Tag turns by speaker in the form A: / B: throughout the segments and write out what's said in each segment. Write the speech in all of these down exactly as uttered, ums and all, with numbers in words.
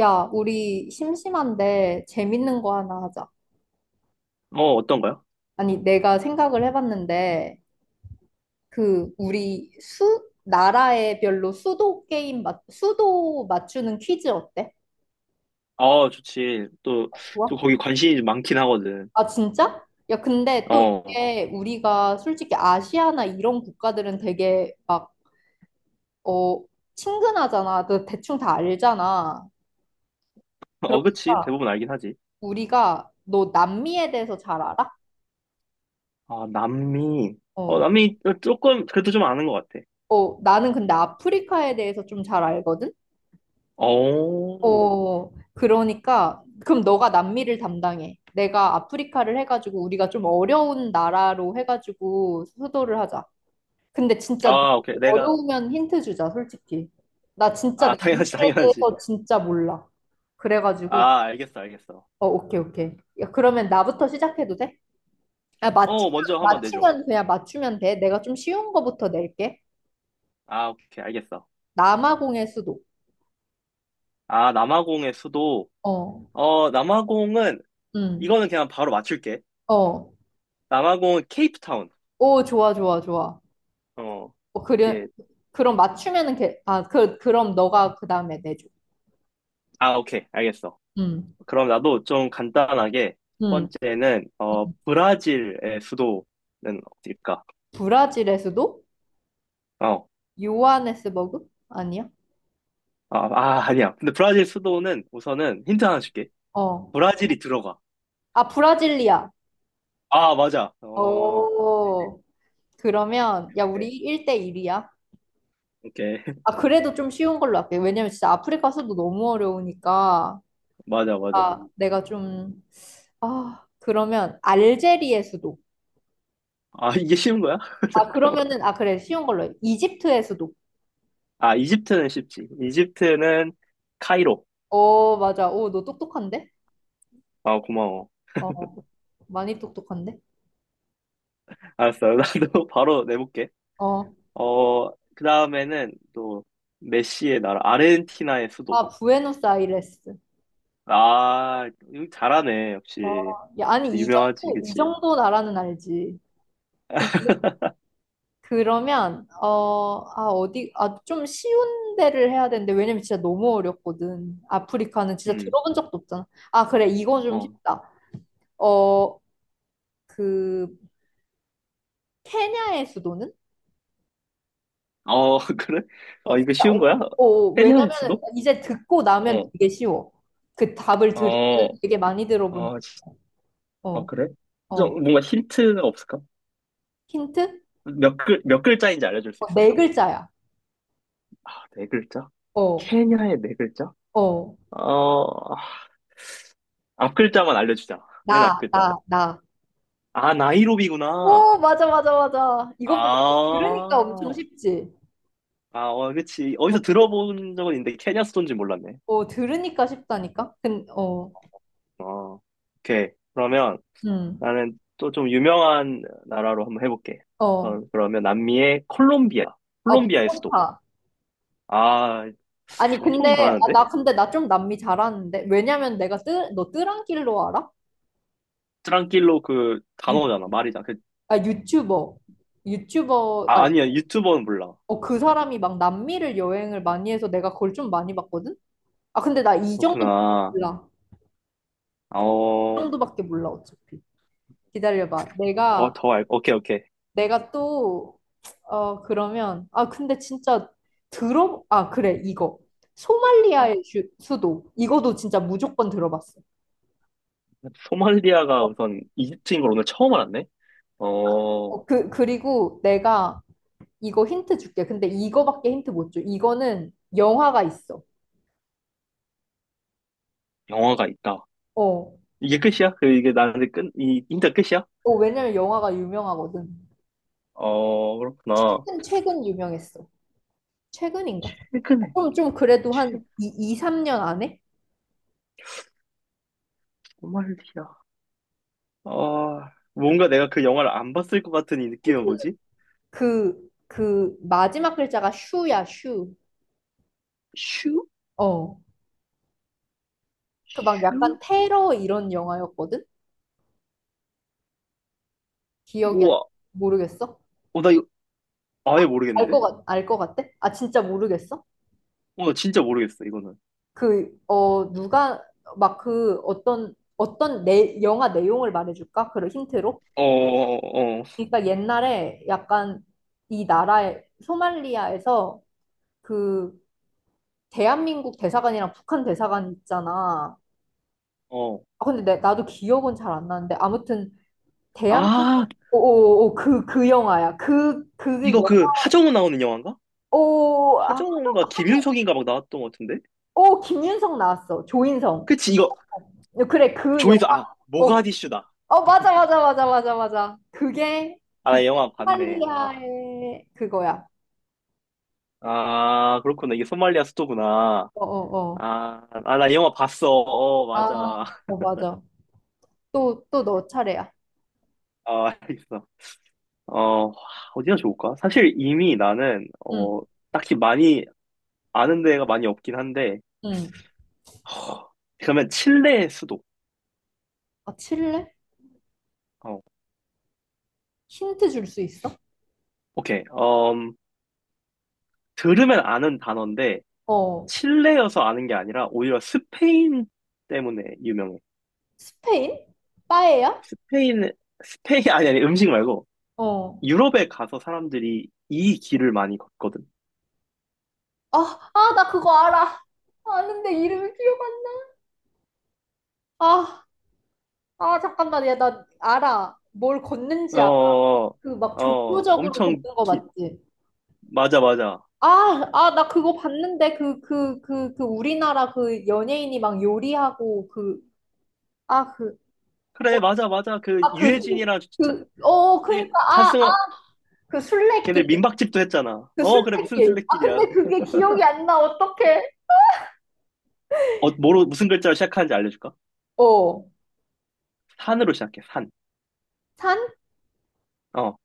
A: 야, 우리 심심한데 재밌는 거 하나 하자.
B: 어, 어떤가요?
A: 아니, 내가 생각을 해봤는데, 그, 우리 수, 나라에 별로 수도 게임, 맞, 수도 맞추는 퀴즈 어때?
B: 아, 좋지. 또,
A: 좋아?
B: 또 거기 관심이 좀 많긴 하거든.
A: 아, 진짜? 야, 근데 또
B: 어,
A: 이게 우리가 솔직히 아시아나 이런 국가들은 되게 막, 어, 친근하잖아. 너 대충 다 알잖아.
B: 어, 그치.
A: 그러니까
B: 대부분 알긴 하지.
A: 우리가 너 남미에 대해서 잘 알아?
B: 아, 남미. 어,
A: 어.
B: 남미 조금, 그래도 좀 아는 것 같아.
A: 어, 나는 근데 아프리카에 대해서 좀 잘 알거든?
B: 어,
A: 어, 그러니까, 그럼 너가 남미를 담당해. 내가 아프리카를 해가지고, 우리가 좀 어려운 나라로 해가지고, 수도를 하자. 근데 진짜
B: 아, 오케이. 내가,
A: 어려우면 힌트 주자, 솔직히. 나 진짜
B: 아, 당연하지,
A: 남미에
B: 당연하지.
A: 대해서 진짜 몰라. 그래가지고,
B: 아, 알겠어, 알겠어.
A: 어, 오케이, 오케이. 야, 그러면 나부터 시작해도 돼? 아,
B: 어,
A: 맞추면,
B: 먼저 한번 내줘.
A: 맞추면, 그냥 맞추면 돼. 내가 좀 쉬운 거부터 낼게.
B: 아, 오케이, 알겠어.
A: 남아공의 수도.
B: 아, 남아공의 수도.
A: 어,
B: 어, 남아공은,
A: 음,
B: 이거는 그냥 바로 맞출게.
A: 어.
B: 남아공은 케이프타운.
A: 오, 좋아, 좋아, 좋아.
B: 어,
A: 어, 그래,
B: 이게,
A: 그럼 맞추면은 걔, 아, 그, 그럼 너가 그 다음에 내줘.
B: 아, 오케이, 알겠어.
A: 음,
B: 그럼 나도 좀 간단하게 첫
A: 음.
B: 번째는 어 브라질의 수도는 어딜까?
A: 브라질의 수도?
B: 어.
A: 요하네스버그? 아니야?
B: 아, 아, 아니야. 근데 브라질 수도는 우선은 힌트 하나 줄게.
A: 어.
B: 브라질이 들어가.
A: 아, 브라질리아.
B: 아, 맞아. 어.
A: 어. 그러면, 야, 우리
B: 오케이.
A: 일 대일이야.
B: 오케이.
A: 아, 그래도 좀 쉬운 걸로 할게. 왜냐면 진짜 아프리카 수도 너무 어려우니까.
B: 맞아, 맞아.
A: 아, 내가 좀, 아, 그러면 알제리의 수도.
B: 아, 이게 쉬운 거야?
A: 아,
B: 잠깐만.
A: 그러면은, 아, 그래, 쉬운 걸로 해. 이집트의 수도.
B: 아, 이집트는 쉽지. 이집트는 카이로.
A: 어, 맞아. 오, 너 똑똑한데?
B: 아, 고마워.
A: 어, 많이 똑똑한데?
B: 알았어. 나도 바로 내볼게.
A: 어.
B: 어, 그 다음에는 또 메시의 나라 아르헨티나의 수도.
A: 아, 부에노스아이레스.
B: 아, 이거 잘하네,
A: 어,
B: 역시.
A: 야, 아니, 이
B: 유명하지,
A: 정도, 이
B: 그치?
A: 정도 나라는 알지. 근데, 그러면, 어, 아, 어디, 아, 좀 쉬운 데를 해야 되는데, 왜냐면 진짜 너무 어렵거든. 아프리카는 진짜
B: 음,
A: 들어본 적도 없잖아. 아, 그래, 이거 좀
B: 어.
A: 쉽다. 어, 그, 케냐의 수도는?
B: 어, 그래? 어,
A: 어,
B: 이거
A: 진짜,
B: 쉬운
A: 어,
B: 거야?
A: 어,
B: 페리하의
A: 왜냐면,
B: 수도?
A: 이제 듣고 나면
B: 어,
A: 되게 쉬워. 그 답을 들으면
B: 어,
A: 되게 많이 들어본,
B: 아, 진- 아,
A: 어,
B: 그래?
A: 어.
B: 좀 뭔가 힌트가 없을까?
A: 힌트?
B: 몇 글, 몇 글자인지 알려줄 수
A: 어,
B: 있어?
A: 네 글자야.
B: 아, 네 글자?
A: 어,
B: 케냐의 네 글자?
A: 어.
B: 어, 앞 글자만 알려주자. 맨 앞
A: 나,
B: 글자만.
A: 나, 나.
B: 아, 나이로비구나.
A: 오, 맞아, 맞아, 맞아. 이거 봐. 들으니까 엄청
B: 아,
A: 쉽지.
B: 아, 어, 그치.
A: 어,
B: 어디서 들어본 적은 있는데, 케냐 수도인지 몰랐네.
A: 어, 들으니까 쉽다니까? 근, 어,
B: 어, 오케이. 그러면,
A: 음,
B: 나는 또 좀 유명한 나라로 한번 해볼게.
A: 어,
B: 어, 그러면 남미의 콜롬비아.
A: 아,
B: 콜롬비아의 수도.
A: 보고파.
B: 아,
A: 아니,
B: 엄청
A: 근데, 아,
B: 잘하는데?
A: 나, 근데 나 좀 남미 잘하는데? 왜냐면 내가 뜨, 너 뜨란길로 알아?
B: 트랑킬로 그
A: 유,
B: 단어잖아, 말이잖아. 그,
A: 아, 유튜버.
B: 아,
A: 유튜버가,
B: 아니야, 유튜버는 몰라.
A: 어, 그 사람이 막 남미를 여행을 많이 해서 내가 그걸 좀 많이 봤거든? 아, 근데 나 이 정도밖에
B: 그렇구나.
A: 몰라. 이
B: 어,
A: 정도밖에 몰라, 어차피. 기다려봐.
B: 더,
A: 내가,
B: 더 알, 오케이, 오케이.
A: 내가 또, 어, 그러면, 아, 근데 진짜 들어, 아, 그래, 이거.
B: 어.
A: 소말리아의 주- 수도. 이거도 진짜 무조건 들어봤어.
B: 소말리아가
A: 어,
B: 우선 이집트인 걸 오늘 처음 알았네? 어,
A: 어, 그, 그리고 내가 이거 힌트 줄게. 근데 이거밖에 힌트 못 줘. 이거는 영화가 있어.
B: 영화가 있다.
A: 어,
B: 이게 끝이야? 그, 이게 나한테 끝, 이, 인터 끝이야?
A: 어, 왜냐면 영화가 유명하거든.
B: 어, 그렇구나.
A: 최근, 최근 유명했어. 최근인가? 어,
B: 최근에,
A: 그럼 좀 그래도 한
B: 최,
A: 이, 이, 삼 년 안에?
B: 소말리아. 어, 뭔가 내가 그 영화를 안 봤을 것 같은 이 느낌은 뭐지?
A: 그, 그 마지막 글자가 슈야, 슈.
B: 슈?
A: 어. 그 막
B: 슈?
A: 약간 테러 이런 영화였거든? 기억이 안,
B: 우와.
A: 모르겠어?
B: 어, 나 이거 아예
A: 알 것
B: 모르겠는데?
A: 같, 알 것 같아? 아, 진짜 모르겠어?
B: 어, 나 진짜 모르겠어, 이거는.
A: 그, 어, 누가, 막 그 어떤, 어떤 내, 영화 내용을 말해줄까? 그런 힌트로?
B: 어, 어, 어.
A: 그러니까 옛날에 약간 이 나라에, 소말리아에서 그 대한민국 대사관이랑 북한 대사관 있잖아.
B: 어.
A: 아, 근데 내, 나도 기억은 잘 안 나는데 아무튼
B: 아,
A: 대한민국, 오, 오, 오, 그, 그 영화야. 그, 그게,
B: 이거
A: 영-
B: 그 하정우 나오는 영화인가?
A: 오, 아, 어,
B: 하정우인가 김윤석인가 막 나왔던 것 같은데?
A: 오, 김윤석 나왔어. 조인성.
B: 그치, 이거
A: 그래, 그 영화.
B: 조이서, 아,
A: 어,
B: 모가디슈다.
A: 어, 맞아, 맞아, 맞아, 맞아, 맞아. 그게,
B: 아,
A: 그,
B: 나 영화 봤네. 아,
A: 소말리아의 그거야.
B: 아, 그렇구나. 이게 소말리아 수도구나.
A: 어, 어, 어.
B: 아, 아, 나 영화 봤어. 어,
A: 아,
B: 맞아.
A: 어, 맞아. 또, 또 너 차례야.
B: 아, 알겠어. 어, 어디가 좋을까? 사실 이미 나는,
A: 응,
B: 어, 딱히 많이 아는 데가 많이 없긴 한데,
A: 응.
B: 허, 그러면 칠레의 수도.
A: 아, 칠레?
B: 어,
A: 힌트 줄 수 있어?
B: 오케이. 음, 들으면 아는 단어인데,
A: 어.
B: 칠레여서 아는 게 아니라, 오히려 스페인 때문에 유명해.
A: 스페인? 빠에야?
B: 스페인, 스페인, 아니, 아니, 음식 말고,
A: 어.
B: 유럽에 가서 사람들이 이 길을 많이 걷거든.
A: 아, 아, 나 그거 알아. 아는데 이름이 기억 안 나. 아, 아, 잠깐만. 야, 나 알아. 뭘 걷는지 알아.
B: 어,
A: 그 막
B: 어,
A: 종교적으로
B: 엄청
A: 걷는 거
B: 기,
A: 맞지?
B: 맞아, 맞아.
A: 아, 아, 나 그거 봤는데, 그, 그, 그, 그, 우리나라 그 연예인이 막 요리하고, 그, 아, 그,
B: 그래, 맞아, 맞아. 그,
A: 아, 그, 술-
B: 유해진이랑 차-
A: 그, 어, 그니까, 아, 아,
B: 차승원,
A: 그 술래길,
B: 걔네 민박집도 했잖아.
A: 그
B: 어, 그래, 무슨
A: 술래길. 아,
B: 술래길이야.
A: 근데 그게 기억이 안 나, 어떡해.
B: 어, 뭐로, 무슨 글자로 시작하는지 알려줄까?
A: 어,
B: 산으로 시작해, 산.
A: 산?
B: 어,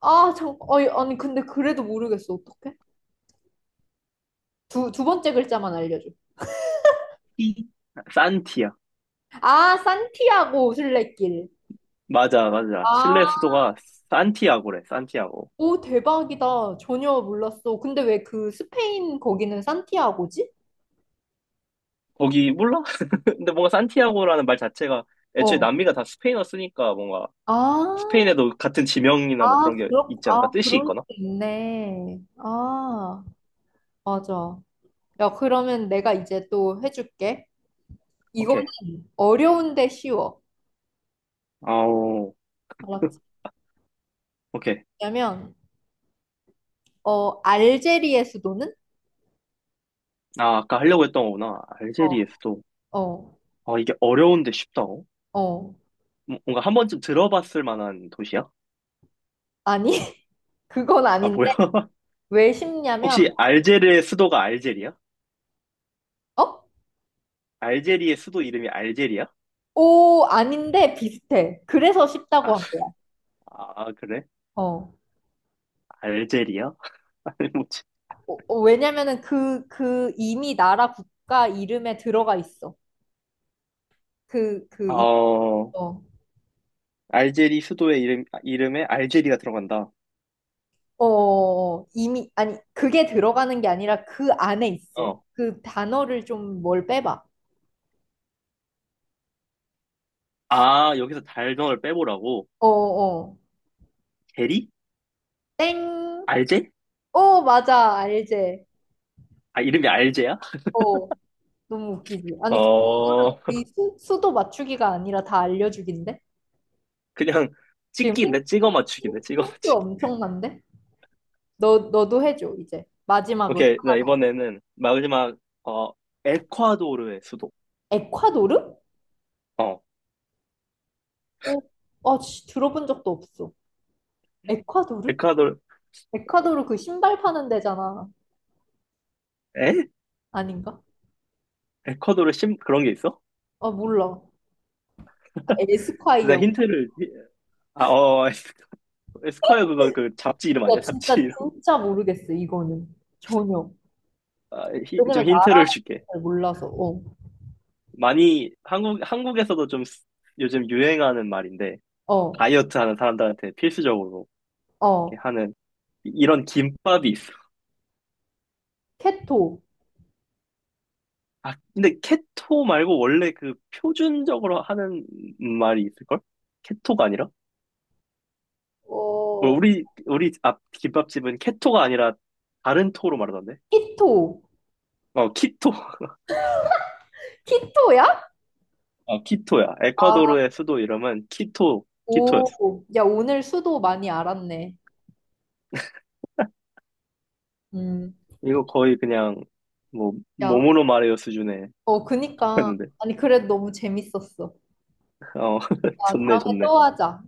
A: 아, 참, 어이, 아니, 근데 그래도 모르겠어, 어떡해. 두, 두 번째 글자만 알려줘.
B: 티. 산티야.
A: 아, 산티아고 술래길.
B: 맞아, 맞아.
A: 아,
B: 칠레 수도가 산티아고래, 산티아고.
A: 오, 대박이다. 전혀 몰랐어. 근데 왜 그 스페인 거기는 산티아고지?
B: 거기, 몰라? 근데 뭔가 산티아고라는 말 자체가 애초에
A: 어.
B: 남미가 다 스페인어 쓰니까 뭔가
A: 아.
B: 스페인에도 같은 지명이나 뭐
A: 아,
B: 그런 게
A: 그렇,
B: 있지 않을까?
A: 아,
B: 뜻이
A: 그럴 수
B: 있거나?
A: 있네. 아, 맞아. 야, 그러면 내가 이제 또 해줄게. 이거는
B: 오케이.
A: 어려운데 쉬워.
B: 아오.
A: 알았지?
B: 오케이.
A: 왜냐면, 어, 알제리의 수도는?
B: 아, 아까 하려고 했던 거구나. 알제리의
A: 어,
B: 수도.
A: 어,
B: 아, 이게 어려운데 쉽다고?
A: 어.
B: 뭔가 한 번쯤 들어봤을 만한 도시야?
A: 아니, 그건
B: 아, 뭐야?
A: 아닌데. 왜 쉽냐면,
B: 혹시 알제르의 수도가 알제리야?
A: 어?
B: 알제리의 수도 이름이 알제리야?
A: 오, 아닌데 비슷해. 그래서
B: 아,
A: 쉽다고 한 거야.
B: 아, 그래?
A: 어.
B: 알제리야? 아니, 뭐지?
A: 어, 어, 왜냐면은 그, 그 이미 나라 국가 이름에 들어가 있어. 그, 그, 이-
B: 어,
A: 어.
B: 알제리 수도의 이름, 아, 이름에 알제리가 들어간다.
A: 어, 이미, 아니, 그게 들어가는 게 아니라 그 안에 있어.
B: 어.
A: 그 단어를 좀 뭘 빼봐.
B: 아, 여기서 달덩어를 빼보라고?
A: 어, 어.
B: 제리?
A: 땡.
B: 알제?
A: 어, 맞아. 알제.
B: 아, 이름이 알제야?
A: 어, 너무 웃기지. 아니, 그- 이거는
B: 어,
A: 거의 수, 수도 맞추기가 아니라 다 알려주기인데?
B: 그냥
A: 지금 힌,
B: 찍기인데? 찍어 맞추기인데?
A: 힌-
B: 찍어
A: 힌트
B: 맞추기.
A: 엄청난데? 너, 너도 해줘, 이제. 마지막으로
B: 오케이, 나
A: 하나 더.
B: 이번에는 마지막, 어, 에콰도르의 수도.
A: 에콰도르?
B: 어,
A: 어, 아, 씨, 들어본 적도 없어. 에콰도르?
B: 에콰도르,
A: 에콰도르 그 신발 파는 데잖아.
B: 에?
A: 아닌가?
B: 에콰도르 심, 그런 게 있어?
A: 아, 몰라.
B: 근데
A: 에스콰이어.
B: 힌트를 아 어 에스커야 그거 그 잡지 이름 아니야?
A: 나
B: 잡지
A: 진짜
B: 이름.
A: 진짜 모르겠어 이거는 전혀.
B: 아, 히- 좀
A: 왜냐면
B: 힌트를 줄게.
A: 나한테 잘 몰라서. 어,
B: 많이 한국 한국에서도 좀 쓰- 요즘 유행하는 말인데
A: 어,
B: 다이어트 하는 사람들한테 필수적으로 이렇게
A: 어.
B: 하는 이- 이런 김밥이 있어.
A: 케토.
B: 아 근데 케토 말고 원래 그 표준적으로 하는 말이 있을걸? 케토가 아니라? 뭐
A: 어,
B: 우리 우리 앞 김밥집은 케토가 아니라 다른 토로 말하던데?
A: 키토.
B: 어 키토
A: 키토야?
B: 어, 키토야.
A: 아,
B: 에콰도르의 수도 이름은 키토, 키토였어.
A: 오. 야 오늘 수도 많이 알았네. 음.
B: 이거 거의 그냥, 뭐,
A: 야,
B: 몸으로 말해요 수준에
A: 어, 그니까.
B: 했는데.
A: 아니 그래도 너무 재밌었어.
B: 어,
A: 야
B: 좋네,
A: 다음에
B: 좋네.
A: 또 하자.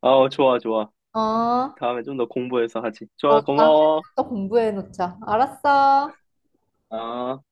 B: 어, 좋아, 좋아.
A: 어,
B: 다음에 좀 더 공부해서 하지. 좋아,
A: 어 다음에
B: 고마워.
A: 또 공부해 놓자. 알았어.
B: 아.